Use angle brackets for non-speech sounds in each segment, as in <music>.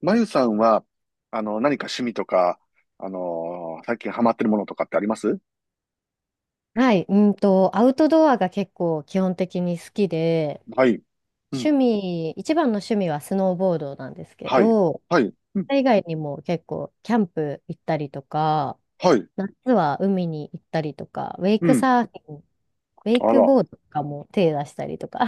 まゆさんは、何か趣味とか、最近ハマってるものとかってあります？はい、アウトドアが結構基本的に好きで、はい。う趣ん。味、一番の趣味はスノーボードなんですけはい。ど、はい。うん。それ以外にも結構キャンプ行ったりとか、はい。夏は海に行ったりとか、ウェイうクん。サーフィン、ウェイあクら、ボードとかも手出したりとか <laughs>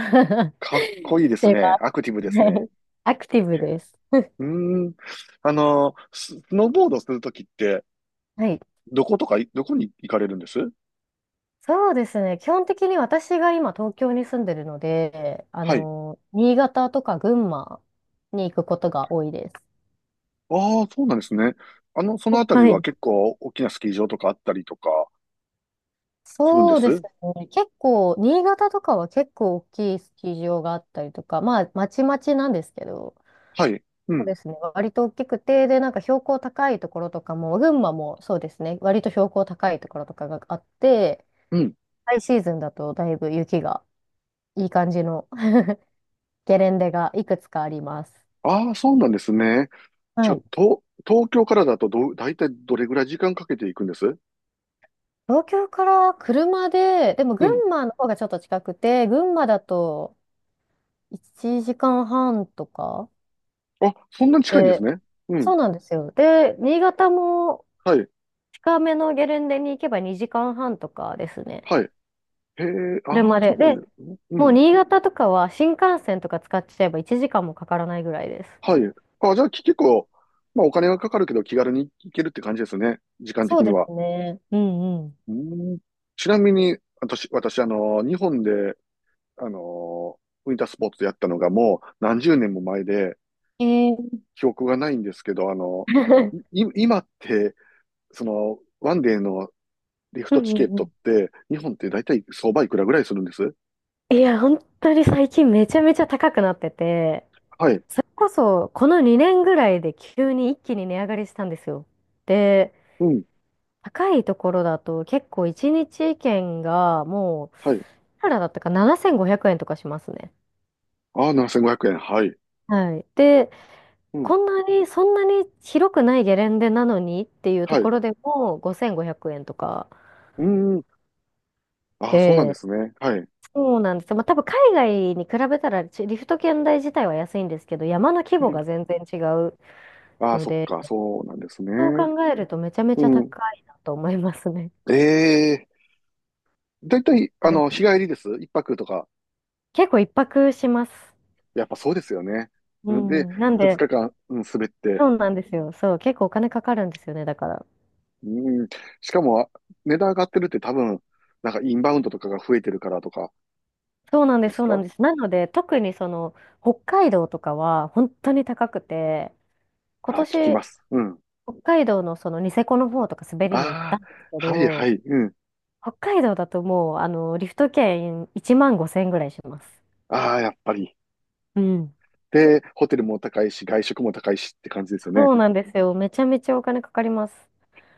かしっこいいですてね。まアクティブです。すはね。い、アクティブへ、です。うーん。スノーボードするときって、はい。どこに行かれるんです？そうですね。基本的に私が今東京に住んでるので、はい。新潟とか群馬に行くことが多いです。ああ、そうなんですね。そのあたりははい。結構大きなスキー場とかあったりとかするんでそうですす？ね。結構、新潟とかは結構大きいスキー場があったりとか、まあ、まちまちなんですけど、はい。うそうん。ですね。割と大きくて、で、なんか標高高いところとかも、群馬もそうですね。割と標高高いところとかがあって、うん。ハイシーズンだとだいぶ雪がいい感じの <laughs> ゲレンデがいくつかあります。ああ、そうなんですね。じはゃあ、い。東京からだと大体どれぐらい時間かけていくんです？東京から車で、でもうん。群馬の方がちょっと近くて、群馬だと1時間半とかあ、そんなに近いんですで、ね。うそん。うなんですよ。で、新潟もはい。近めのゲレンデに行けば2時間半とかですね。はい。へえ、ああ、車そで。うなんでで、すね。うもうん。新潟とかは新幹線とか使っちゃえば1時間もかからないぐらいです。はい。あ、じゃあ、結構、まあ、お金がかかるけど気軽に行けるって感じですね。時間そ的うにでは。すね。うんううん。ちなみに、私、日本で、あの、ウィンタースポーツやったのがもう何十年も前で、ん。記憶がないんですけど、<laughs> 今って、その、ワンデーのリフうんトチうケッんうトっん、て、日本って大体相場いくらぐらいするんです？いや、本当に最近めちゃめちゃ高くなってて、はい。それこそこの2年ぐらいで急に一気に値上がりしたんですよ。で、うん。高いところだと結構1日券がもう、はい。いくらだったか7500円とかしますね。ああ、7500円。はい。はい。で、うん。こんなに、そんなに広くないゲレンデなのにっていうとはい。こうろでも5500円とかーん。ああ、そうなんでで、すね。はい。そうなんですよ。まあ多分海外に比べたらリフト券代自体は安いんですけど、山の規う模ん。が全然違うああ、のそっで、か。そうなんですそうね。考えるとめちゃめうちゃん。高いなと思いますね。ええ、大体、日帰りです？一泊とか？結構一泊します。やっぱそうですよね。ううん、で、ん。なん二で、日間、うん、滑って。そうなんですよ。そう、結構お金かかるんですよね、だから。うん。しかも、値段上がってるって多分、なんかインバウンドとかが増えてるからとかそうなんでです、すそうなんか？です。なので、特にその、北海道とかは本当に高くて、今ああ聞き年、ます。うん。北海道のそのニセコの方とか滑りに行ったああ、んですけはいはど、い。うん。北海道だともう、リフト券1万5千円ぐらいします。ああ、やっぱり。うん。で、ホテルも高いし、外食も高いしって感じですよね。そうなんですよ。めちゃめちゃお金かかります。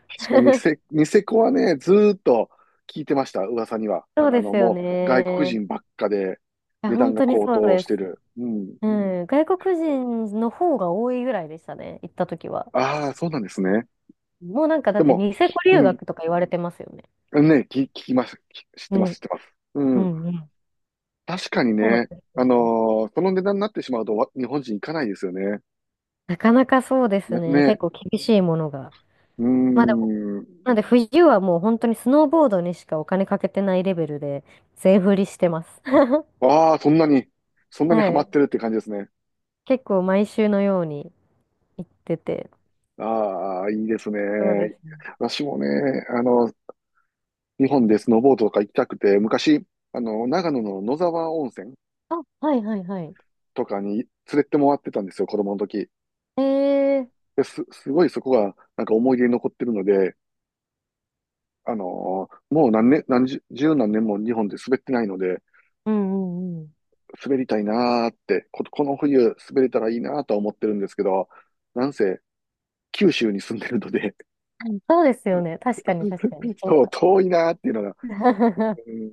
確かに<laughs> ニセコはね、ずーっと聞いてました、噂には。そうですよもう外国ね。人ばっかでいや、値段本が当に高そう騰でしてす。る。うん。うん。外国人の方が多いぐらいでしたね、行った時は。ああ、そうなんですね。もうなんかだでっても、ニセコう留ん。学とか言われてますよね。ね、聞きます。知ってます、知ね。ってます。ううん。んうん。確かにそうなんでね、すよね。その値段になってしまうとわ日本人行かないですよね。なかなかそうですね、ね。ね、結構厳しいものが。うーまあでも、ん。なんで冬はもう本当にスノーボードにしかお金かけてないレベルで全振りしてます。<laughs> ああ、そんなに、そんなにはハマっい。てるって感じですね。結構毎週のように行ってて。ああ、いいですそうですね。ね。私もね、あの、日本でスノーボードとか行きたくて、昔、長野の野沢温泉あ、はいはいはい。とかに連れてもらってたんですよ、子供の時。ええ、で、すごいそこが、なんか思い出に残ってるので、もう何年、何十、十何年も日本で滑ってないので、うんうんう滑りたいなーって、この冬滑れたらいいなーとは思ってるんですけど、なんせ、九州に住んでるので、ん。そうですよね。確かに確かに。<laughs> そうそう、か。遠いなーっていうのが、<laughs> うん、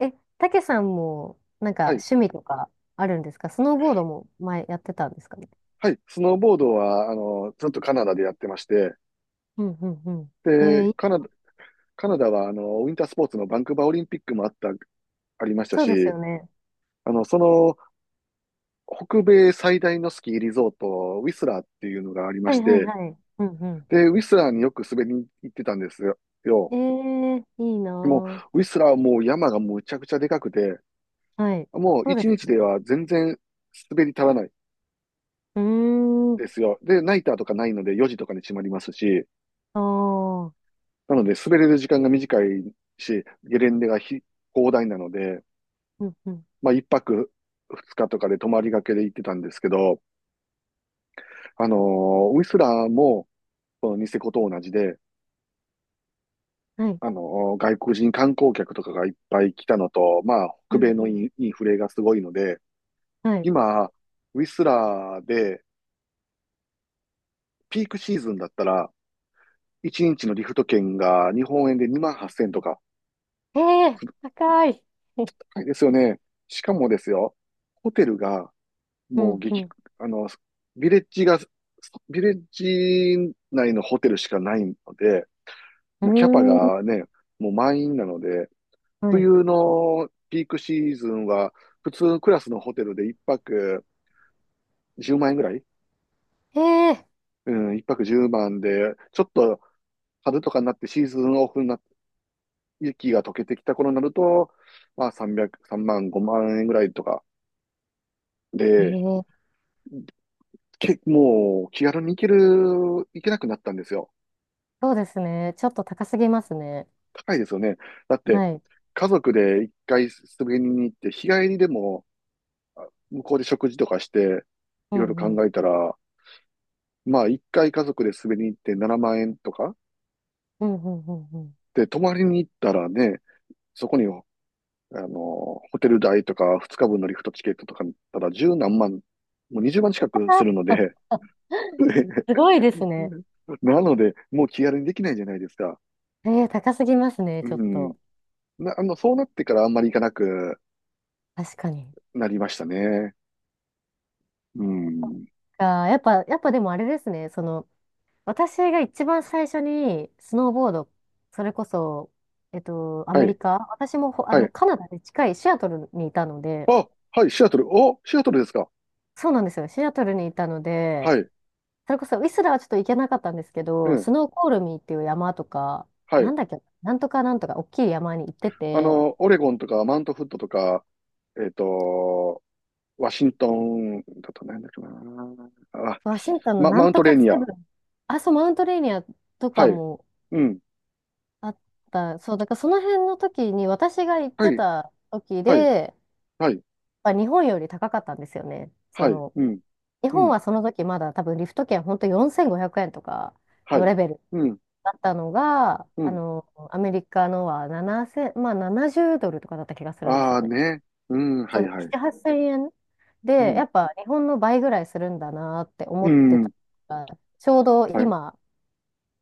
え、たけさんも、なんかはい趣味とかあるんですか？スノーボードも前やってたんですかね？はい、スノーボードは、ずっとカナダでやってまして、うんうんうん。で、えーい、カナダは、ウィンタースポーツのバンクーバーオリンピックもあった、ありましたそうですし、よね。あの、その、北米最大のスキーリゾート、ウィスラーっていうのがありまはしいはいて、はい。うんうで、ウィスラーによく滑りに行ってたんですよ。よん。えー、いいなもぁ。う、ウィスラーはもう山がむちゃくちゃでかくて、はい。もうそうで一す日でよね。は全然滑り足らないうーん。ですよ。で、ナイターとかないので4時とかに閉まりますし、ああ。なので、滑れる時間が短いし、ゲレンデが広大なので、うんうん。まあ、一泊二日とかで泊まりがけで行ってたんですけど、ウィスラーも、このニセコと同じで、はい。あの外国人観光客とかがいっぱい来たのと、まあ、う北ん米うのん。インフレがすごいので、はい。今、ウィスラーで、ピークシーズンだったら、1日のリフト券が日本円で2万8000とか、ええー、高い。<laughs> 高いですよね。しかもですよ、ホテルがうもうんうん。あの、ビレッジが、ビレッジ内のホテルしかないので、うもうキャパーん。がね、もう満員なので、はい。冬のピークシーズンは、普通クラスのホテルで1泊10万円ぐらい、ええうん、1泊10万で、ちょっと春とかになってシーズンオフになって、雪が溶けてきた頃になると、まあ300、万、5万円ぐらいとかー、えで、ー、もう気軽に行けなくなったんですよ。そうですね。ちょっと高すぎますね。高いですよね。だって、はい。家族で一回滑りに行って、日帰りでも向こうで食事とかして、ういろいろんう考ん。えたら、まあ一回家族で滑りに行って7万円とか、うんうんうんうん。で、泊まりに行ったらね、そこに、ホテル代とか2日分のリフトチケットとか見たら十何万、もう20万近くするのあ <laughs> で、す <laughs> ごいですね。なので、もう気軽にできないじゃないですか。えー、高すぎますね、うちょっん。と。そうなってからあんまり行かなく確かに。なりましたね。うん。あー、やっぱ、やっぱでもあれですね、その、私が一番最初にスノーボード、それこそ、アはメリい。カ、私もはい、カナダで近いシアトルにいたので、あ、はい、シアトル。お、シアトルですか。そうなんですよ、シアトルにいたので、はい。それこそウィスラーはちょっと行けなかったんですけうど、ん。スノーコールミーっていう山とか、はなんい。だっけ、なんとかなんとか、大きい山に行ってて、オレゴンとか、マウントフットとか、えっと、ワシントンだとなんだっけな。あ、ワシントンのなマウんントとレーかセニア。ブン、あ、そう、マウントレーニアとかはい。も、うん。あった。そう、だからその辺の時に、私が行っはてい。た時はい。で、はい。まあ、日本より高かったんですよね。そはい。の、うん。日う本ん。はその時まだ多分リフト券本当4500円とかはのい。レベルうん。だったのが、うん。アメリカのは7 0まあ70ドルとかだった気がするんですあよあね。ね。うん。はそう、いはい。7、8000円うで、ん。やっぱ日本の倍ぐらいするんだなってう思ってたん。から。ちょうどはい。今、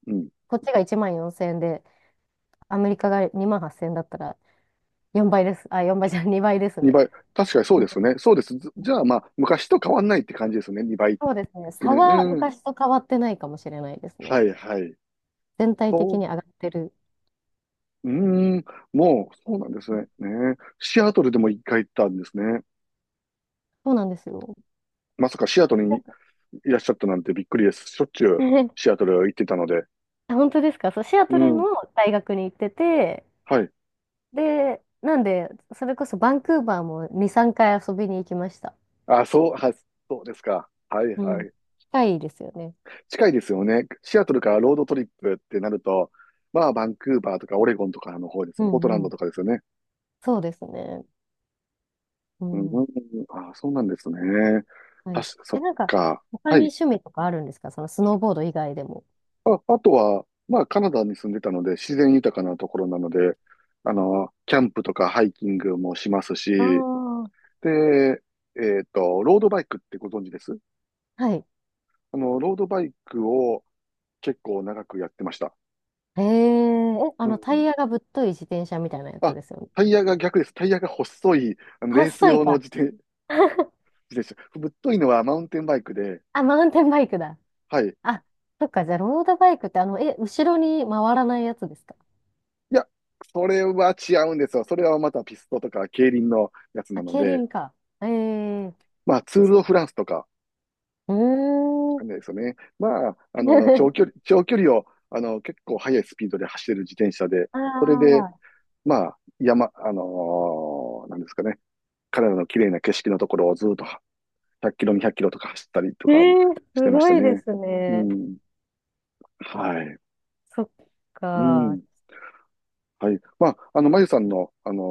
うん。こっちが1 4000円で、アメリカが2 8000円だったら、4倍です。あ、4倍じゃん、<laughs> 2倍ですね。2倍。確かにそううん、ですね。そうです。じゃあまあ、昔と変わんないって感じですね。2倍。そうですね。う差はん。うん、昔と変わってないかもしれないですね。はいはい。全体的そにう、上がってる。うーん、もう、そうなんですね。ね。シアトルでも一回行ったんですね。そうなんですよ。まさかシアトルにいらっしゃったなんてびっくりです。しょっちゅうシ <laughs> アトル行ってたので。あ、本当ですか？そう、シアうトルのん。大学に行ってて、はい。で、なんで、それこそバンクーバーも2、3回遊びに行きました。あ、そう、そうですか。はいうはん。い。近いですよね。近いですよね。シアトルからロードトリップってなると、まあ、バンクーバーとかオレゴンとかの方ですうよ。ポートランんうドん。とかですよね。そうですね。ううん、ん。あ、そうなんですね。はあ、い。そえ、っなんか、か。他はにい。趣味とかあるんですか？そのスノーボード以外でも。あ、あとは、まあ、カナダに住んでたので、自然豊かなところなので、キャンプとかハイキングもしますあし、あ。で、ロードバイクってご存知です？はい。ロードバイクを結構長くやってました。えー、え、うタイん。ヤがぶっとい自転車みたいなやつあ、ですよね？タイヤが逆です。タイヤが細い、レース細い用のか。自 <laughs> 転車。ぶっといのはマウンテンバイクで、あ、マウンテンバイクだ。はい。いあ、そっか、じゃあ、ロードバイクって、え、後ろに回らないやつですか？や、それは違うんですよ。それはまたピストとか競輪のやつなあ、の競で、輪か。えー、まあ、ツール・ド・フランスとか、うーん。感じですよね。まあ、<laughs> 長距離を、結構速いスピードで走れる自転車で、あそれで、あ、まあ、なんですかね、彼らの綺麗な景色のところをずっと100キロ、200キロとか走ったりとえかー、しすてましごたいでね。すうね。ん。はい。そっうか。ん。はい。まあ、まゆさんの、あの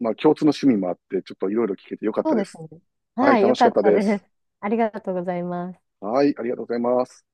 ーまあ、共通の趣味もあって、ちょっといろいろ聞けてよかっそたうでですす。ね。はい、はい、よ楽しかかっったたでです。す。ありがとうございます。はい、ありがとうございます。